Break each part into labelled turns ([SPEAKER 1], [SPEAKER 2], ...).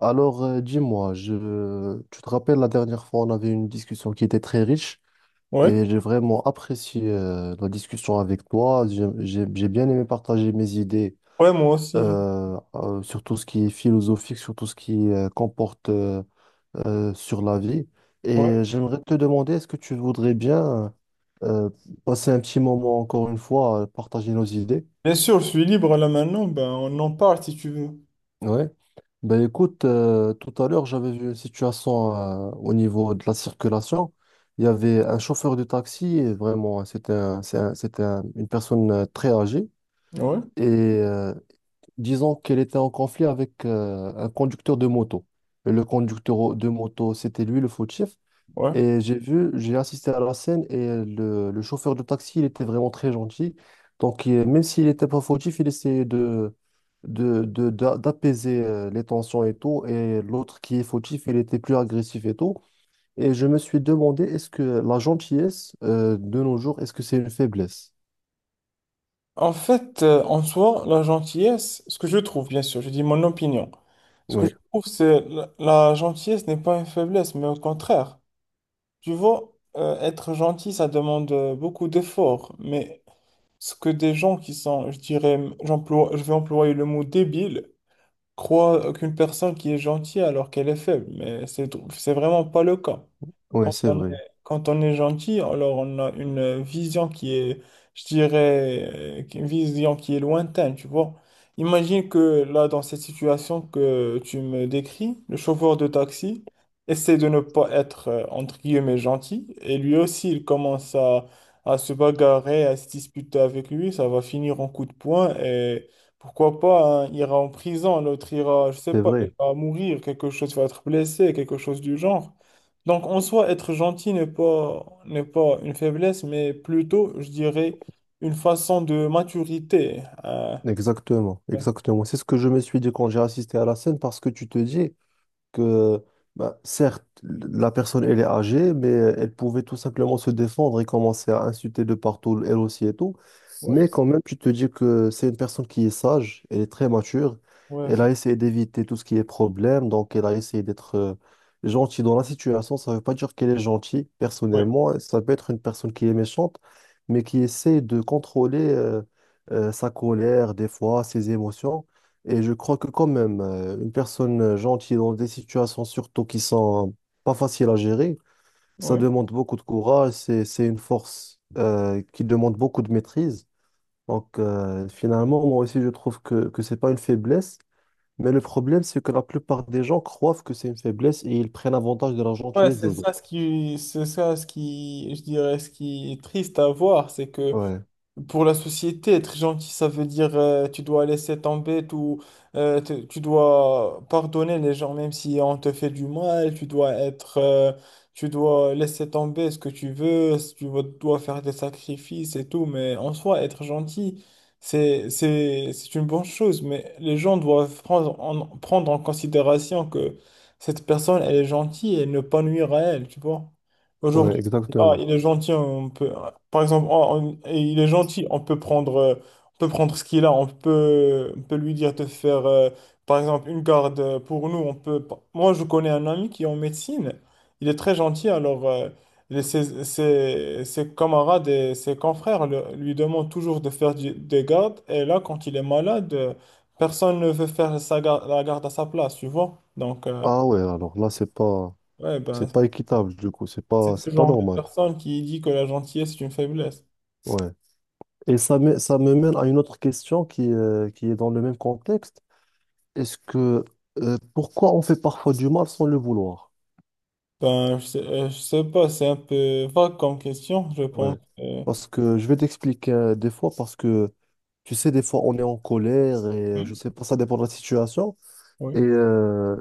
[SPEAKER 1] Alors, dis-moi, je... tu te rappelles la dernière fois, on avait une discussion qui était très riche
[SPEAKER 2] Ouais,
[SPEAKER 1] et j'ai vraiment apprécié la discussion avec toi. J'ai bien aimé partager mes idées
[SPEAKER 2] ouais, moi aussi.
[SPEAKER 1] sur tout ce qui est philosophique, sur tout ce qui comporte sur la vie.
[SPEAKER 2] Ouais.
[SPEAKER 1] Et j'aimerais te demander, est-ce que tu voudrais bien euh, passer un petit moment encore une fois, partager nos idées?
[SPEAKER 2] Bien sûr, je suis libre là maintenant, ben on en parle si tu veux.
[SPEAKER 1] Ouais. Ben écoute, tout à l'heure, j'avais vu une situation au niveau de la circulation. Il y avait un chauffeur de taxi, et vraiment, c'était un- c'est un- c'était un- une personne très âgée.
[SPEAKER 2] Ouais,
[SPEAKER 1] Et euh, disons qu'elle était en conflit avec un conducteur de moto. Et le conducteur de moto, c'était lui le fautif.
[SPEAKER 2] ouais.
[SPEAKER 1] Et j'ai vu, j'ai assisté à la scène et le chauffeur de taxi, il était vraiment très gentil. Donc, même s'il n'était pas fautif, il essayait d'apaiser les tensions et tout. Et l'autre qui est fautif, il était plus agressif et tout. Et je me suis demandé, est-ce que la gentillesse, de nos jours, est-ce que c'est une faiblesse?
[SPEAKER 2] En fait, en soi, la gentillesse, ce que je trouve, bien sûr, je dis mon opinion, ce que
[SPEAKER 1] Oui,
[SPEAKER 2] je trouve, c'est la gentillesse n'est pas une faiblesse, mais au contraire. Tu vois, être gentil, ça demande beaucoup d'efforts, mais ce que des gens qui sont, je dirais, je vais employer le mot débile, croient qu'une personne qui est gentille alors qu'elle est faible, mais c'est vraiment pas le cas.
[SPEAKER 1] oui,
[SPEAKER 2] Quand
[SPEAKER 1] c'est
[SPEAKER 2] on est,
[SPEAKER 1] vrai,
[SPEAKER 2] quand on est gentil, alors on a une vision je dirais, une vision qui est lointaine, tu vois. Imagine que là, dans cette situation que tu me décris, le chauffeur de taxi essaie de ne pas être, entre guillemets, gentil, et lui aussi, à se bagarrer, à se disputer avec lui, ça va finir en coup de poing, et pourquoi pas, hein, il ira en prison, l'autre ira, je sais
[SPEAKER 1] c'est
[SPEAKER 2] pas, il
[SPEAKER 1] vrai.
[SPEAKER 2] va mourir, quelque chose va être blessé, quelque chose du genre. Donc, en soi, être gentil n'est pas une faiblesse, mais plutôt, je dirais, une façon de maturité.
[SPEAKER 1] Exactement, exactement. C'est ce que je me suis dit quand j'ai assisté à la scène parce que tu te dis. Que bah, certes, la personne, elle est âgée, mais elle pouvait tout simplement se défendre et commencer à insulter de partout, elle aussi et tout.
[SPEAKER 2] Ouais,
[SPEAKER 1] Mais quand même, tu te dis que c'est une personne qui est sage, elle est très mature,
[SPEAKER 2] ouais,
[SPEAKER 1] elle a
[SPEAKER 2] c'est-
[SPEAKER 1] essayé d'éviter tout ce qui est problème, donc elle a essayé d'être gentille dans la situation. Ça ne veut pas dire qu'elle est gentille,
[SPEAKER 2] ouais,
[SPEAKER 1] personnellement, hein. Ça peut être une personne qui est méchante, mais qui essaie de contrôler sa colère, des fois, ses émotions. Et je crois que quand même, une personne gentille dans des situations surtout qui sont pas faciles à gérer, ça
[SPEAKER 2] ouais.
[SPEAKER 1] demande beaucoup de courage, c'est une force qui demande beaucoup de maîtrise. Donc finalement, moi aussi, je trouve que c'est pas une faiblesse, mais le problème, c'est que la plupart des gens croient que c'est une faiblesse et ils prennent avantage de la
[SPEAKER 2] Ouais,
[SPEAKER 1] gentillesse
[SPEAKER 2] c'est
[SPEAKER 1] des autres.
[SPEAKER 2] ça ce qui, c'est ça ce qui, je dirais, ce qui est triste à voir, c'est que
[SPEAKER 1] Ouais,
[SPEAKER 2] pour la société, être gentil, ça veut dire tu dois laisser tomber tout, tu dois pardonner les gens même si on te fait du mal, tu dois laisser tomber ce que tu veux, si tu veux- dois faire des sacrifices et tout, mais en soi, être gentil, c'est une bonne chose, mais les gens doivent prendre en considération que cette personne, elle est gentille et ne pas nuire à elle, tu vois.
[SPEAKER 1] ouais,
[SPEAKER 2] Aujourd'hui, ah,
[SPEAKER 1] exactement.
[SPEAKER 2] il est gentil, on peut. Par exemple, il est gentil, on peut prendre ce qu'il a, on peut lui dire de faire, par exemple, une garde pour nous. On peut, pas- moi, je connais un ami qui est en médecine, il est très gentil, alors ses camarades et ses confrères lui demandent toujours de faire des gardes, et là, quand il est malade, personne ne veut la garde à sa place, tu vois? Donc,
[SPEAKER 1] Ah ouais, alors là,
[SPEAKER 2] ouais,
[SPEAKER 1] c'est
[SPEAKER 2] ben,
[SPEAKER 1] pas équitable du coup,
[SPEAKER 2] c'est ce
[SPEAKER 1] c'est pas
[SPEAKER 2] genre de
[SPEAKER 1] normal.
[SPEAKER 2] personne qui dit que la gentillesse est une faiblesse.
[SPEAKER 1] Ouais. Et ça me mène à une autre question qui est dans le même contexte. Est-ce que pourquoi on fait parfois du mal sans le vouloir?
[SPEAKER 2] Ben, je sais pas, c'est un peu vague comme question, je pense.
[SPEAKER 1] Ouais. Parce que je vais t'expliquer des fois, parce que tu sais, des fois on est en colère et je
[SPEAKER 2] Hmm,
[SPEAKER 1] sais pas, ça dépend de la situation. Et
[SPEAKER 2] oui,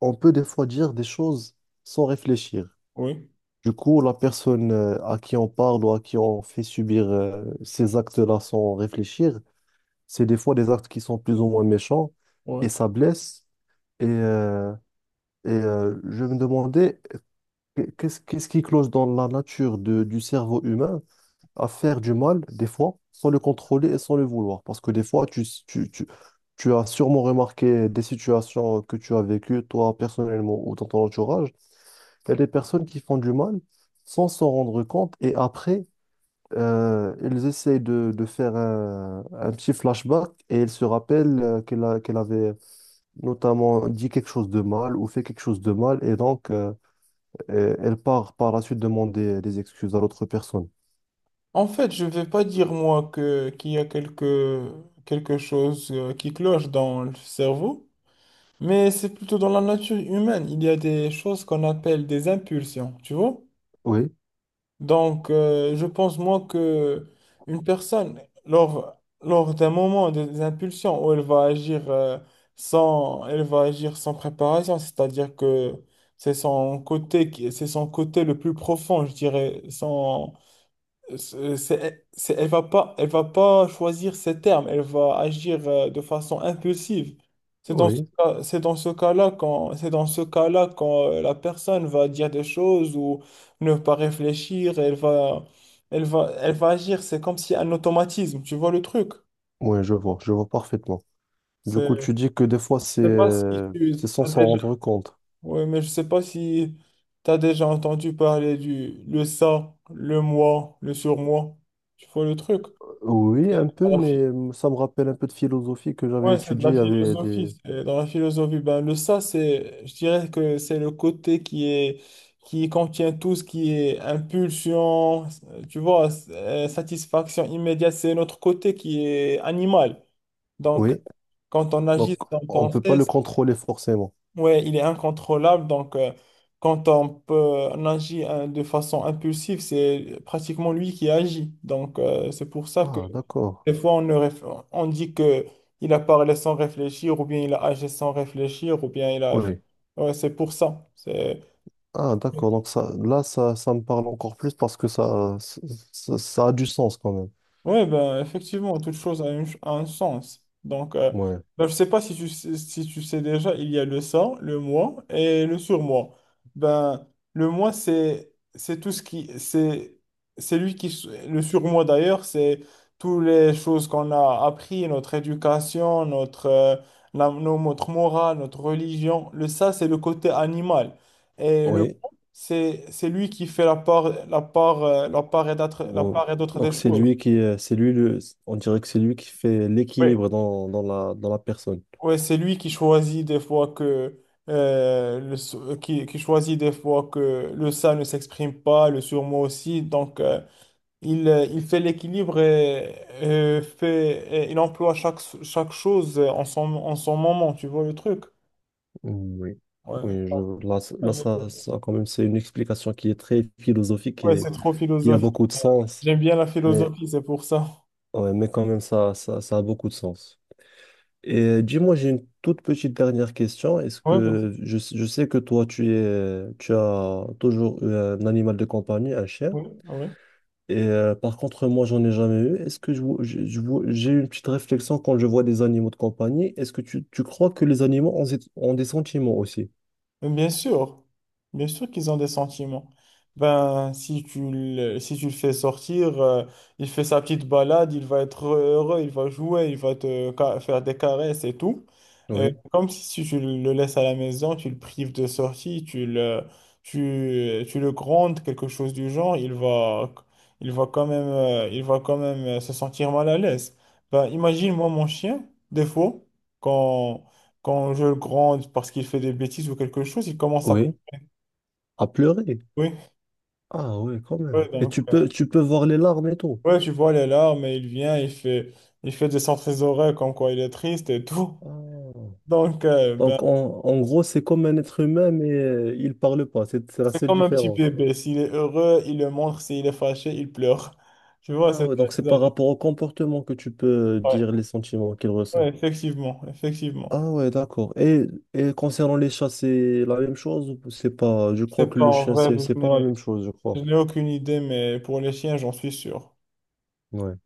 [SPEAKER 1] on peut des fois dire des choses sans réfléchir.
[SPEAKER 2] oui,
[SPEAKER 1] Du coup, la personne à qui on parle ou à qui on fait subir ces actes-là sans réfléchir, c'est des fois des actes qui sont plus ou moins méchants
[SPEAKER 2] ouais.
[SPEAKER 1] et ça blesse. Et, euh, je me demandais, qu'est-ce qui cloche dans la nature du cerveau humain à faire du mal, des fois, sans le contrôler et sans le vouloir? Parce que des fois, tu as sûrement remarqué des situations que tu as vécues, toi, personnellement, ou dans ton entourage. Il y a des personnes qui font du mal sans s'en rendre compte et après, ils essayent de faire un petit flashback et ils se rappellent qu'elle avait notamment dit quelque chose de mal ou fait quelque chose de mal, et donc elle part par la suite demander des excuses à l'autre personne.
[SPEAKER 2] En fait, je vais pas dire moi que qu'il y a quelque chose qui cloche dans le cerveau, mais c'est plutôt dans la nature humaine. Il y a des choses qu'on appelle des impulsions, tu vois?
[SPEAKER 1] Oui,
[SPEAKER 2] Donc, je pense, moi, que une personne, lors d'un moment, des impulsions où elle va agir, sans, elle va agir sans préparation, c'est-à-dire que c'est c'est son côté le plus profond, je dirais, son, c'est- elle va pas choisir ses termes, elle va agir de façon impulsive. C'est dans ce
[SPEAKER 1] oui,
[SPEAKER 2] cas, c'est dans ce cas-là quand, c'est dans ce cas-là quand la personne va dire des choses ou ne pas réfléchir, elle va agir. C'est comme si un automatisme. Tu vois le truc?
[SPEAKER 1] oui, je vois parfaitement. Du
[SPEAKER 2] C'est,
[SPEAKER 1] coup, tu dis que des fois,
[SPEAKER 2] je sais pas si
[SPEAKER 1] c'est
[SPEAKER 2] tu
[SPEAKER 1] sans
[SPEAKER 2] as
[SPEAKER 1] s'en
[SPEAKER 2] déjà,
[SPEAKER 1] rendre compte.
[SPEAKER 2] ouais, mais je sais pas si tu as déjà entendu parler du le ça, le moi, le surmoi. Tu vois le truc?
[SPEAKER 1] Oui, un peu,
[SPEAKER 2] Voilà.
[SPEAKER 1] mais ça me rappelle un peu de philosophie que j'avais
[SPEAKER 2] Ouais, c'est de la
[SPEAKER 1] étudiée. Il y avait
[SPEAKER 2] philosophie.
[SPEAKER 1] des...
[SPEAKER 2] C'est Dans la philosophie, ben, le ça, c'est, je dirais que c'est le côté qui est, qui contient tout ce qui est impulsion, tu vois, satisfaction immédiate. C'est notre côté qui est animal. Donc,
[SPEAKER 1] Oui,
[SPEAKER 2] quand on agit
[SPEAKER 1] donc
[SPEAKER 2] sans
[SPEAKER 1] on peut pas
[SPEAKER 2] penser,
[SPEAKER 1] le contrôler forcément.
[SPEAKER 2] ouais, il est incontrôlable. Donc, quand on agit hein, de façon impulsive, c'est pratiquement lui qui agit. Donc, c'est pour ça que
[SPEAKER 1] Ah, d'accord.
[SPEAKER 2] des fois, on, ne réf- on dit que il a parlé sans réfléchir, ou bien il a agi sans réfléchir, ou bien il a...
[SPEAKER 1] Oui.
[SPEAKER 2] Ouais, c'est pour ça. C'est...
[SPEAKER 1] Ah, d'accord. Donc ça, là, ça me parle encore plus parce que ça a du sens quand même.
[SPEAKER 2] Oui, ben, effectivement, toute chose a un sens. Donc,
[SPEAKER 1] Ouais.
[SPEAKER 2] ben, je sais pas si tu sais déjà, il y a le ça, le moi et le surmoi. Ben, le moi, c'est tout ce qui... c'est lui qui... s- Le surmoi, d'ailleurs, c'est toutes les choses qu'on a appris, notre éducation, notre, la- nos- notre morale, notre religion. Le ça, c'est le côté animal. Et le
[SPEAKER 1] Oui.
[SPEAKER 2] moi, c'est lui qui fait la part et d'autres la
[SPEAKER 1] Donc,
[SPEAKER 2] part et d'autre des
[SPEAKER 1] donc c'est
[SPEAKER 2] choses.
[SPEAKER 1] lui qui, on dirait que c'est lui qui fait
[SPEAKER 2] Oui.
[SPEAKER 1] l'équilibre dans la personne.
[SPEAKER 2] Ouais, c'est lui qui choisit des fois que qui choisit des fois que le ça ne s'exprime pas, le surmoi aussi. Donc il fait l'équilibre et, fait et il emploie chaque chose en son moment. Tu vois le truc?
[SPEAKER 1] Oui.
[SPEAKER 2] Ouais.
[SPEAKER 1] Oui, je, là, quand même, c'est une explication qui est très philosophique
[SPEAKER 2] Ouais, c'est
[SPEAKER 1] et
[SPEAKER 2] trop
[SPEAKER 1] qui a
[SPEAKER 2] philosophique.
[SPEAKER 1] beaucoup de sens,
[SPEAKER 2] J'aime bien la
[SPEAKER 1] mais,
[SPEAKER 2] philosophie, c'est pour ça.
[SPEAKER 1] ouais, mais quand même, ça a beaucoup de sens. Et dis-moi, j'ai une toute petite dernière question.
[SPEAKER 2] Ouais, vas-y.
[SPEAKER 1] Je sais que toi, tu as toujours eu un animal de compagnie, un chien.
[SPEAKER 2] Ouais, ouais.
[SPEAKER 1] Et par contre, moi, j'en ai jamais eu. Est-ce que je vois- j'ai une petite réflexion quand je vois des animaux de compagnie. Est-ce que tu crois que les animaux ont, ont des sentiments aussi?
[SPEAKER 2] Bien sûr, bien sûr qu'ils ont des sentiments. Ben, si tu le fais sortir, il fait sa petite balade, il va être heureux, il va jouer, il va faire des caresses et tout.
[SPEAKER 1] Oui,
[SPEAKER 2] Comme si, si tu le laisses à la maison, tu le prives de sortie, tu le grondes, quelque chose du genre, il va quand même se sentir mal à l'aise. Ben, imagine-moi mon chien, des fois, quand je le gronde parce qu'il fait des bêtises ou quelque chose, il commence à...
[SPEAKER 1] oui. À pleurer.
[SPEAKER 2] Oui,
[SPEAKER 1] Ah oui, quand même.
[SPEAKER 2] ouais,
[SPEAKER 1] Et
[SPEAKER 2] donc,
[SPEAKER 1] tu peux voir les larmes et tout.
[SPEAKER 2] ouais, tu vois les larmes et il fait descendre ses oreilles comme quoi il est triste et tout.
[SPEAKER 1] Ah.
[SPEAKER 2] Donc, ben,
[SPEAKER 1] Donc, en gros, c'est comme un être humain, mais il parle pas. C'est la seule
[SPEAKER 2] comme un petit
[SPEAKER 1] différence.
[SPEAKER 2] bébé, s'il est heureux, il le montre, s'il est fâché, il pleure. Tu vois,
[SPEAKER 1] Ah
[SPEAKER 2] c'est
[SPEAKER 1] ouais,
[SPEAKER 2] ça
[SPEAKER 1] donc c'est
[SPEAKER 2] les
[SPEAKER 1] par
[SPEAKER 2] animaux.
[SPEAKER 1] rapport au comportement que tu peux
[SPEAKER 2] Ouais,
[SPEAKER 1] dire les sentiments qu'il
[SPEAKER 2] ouais,
[SPEAKER 1] ressent.
[SPEAKER 2] effectivement, effectivement.
[SPEAKER 1] Ah ouais, d'accord. Et concernant les chats, c'est la même chose ou c'est pas... Je
[SPEAKER 2] Je sais
[SPEAKER 1] crois que
[SPEAKER 2] pas
[SPEAKER 1] le
[SPEAKER 2] en
[SPEAKER 1] chien,
[SPEAKER 2] vrai,
[SPEAKER 1] c'est pas la même chose, je
[SPEAKER 2] je
[SPEAKER 1] crois.
[SPEAKER 2] n'ai aucune idée, mais pour les chiens, j'en suis sûr.
[SPEAKER 1] Ouais.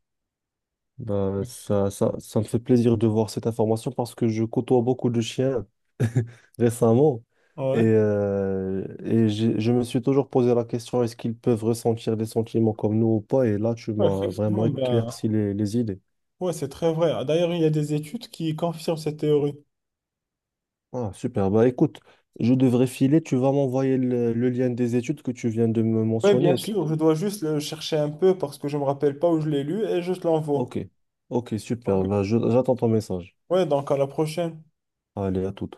[SPEAKER 1] Bah, ça me fait plaisir de voir cette information parce que je côtoie beaucoup de chiens récemment
[SPEAKER 2] Ouais.
[SPEAKER 1] je me suis toujours posé la question, est-ce qu'ils peuvent ressentir des sentiments comme nous ou pas? Et là, tu
[SPEAKER 2] Ouais,
[SPEAKER 1] m'as vraiment
[SPEAKER 2] effectivement, ben,
[SPEAKER 1] éclairci les idées.
[SPEAKER 2] ouais, c'est très vrai. D'ailleurs, il y a des études qui confirment cette théorie.
[SPEAKER 1] Ah, super. Bah écoute, je devrais filer. Tu vas m'envoyer le lien des études que tu viens de me
[SPEAKER 2] Oui,
[SPEAKER 1] mentionner,
[SPEAKER 2] bien
[SPEAKER 1] ok?
[SPEAKER 2] sûr, je dois juste le chercher un peu parce que je me rappelle pas où je l'ai lu et je te l'envoie.
[SPEAKER 1] Ok, ok,
[SPEAKER 2] Ok.
[SPEAKER 1] super. Ben, j'attends ton message.
[SPEAKER 2] Ouais, donc à la prochaine.
[SPEAKER 1] Allez, à tout.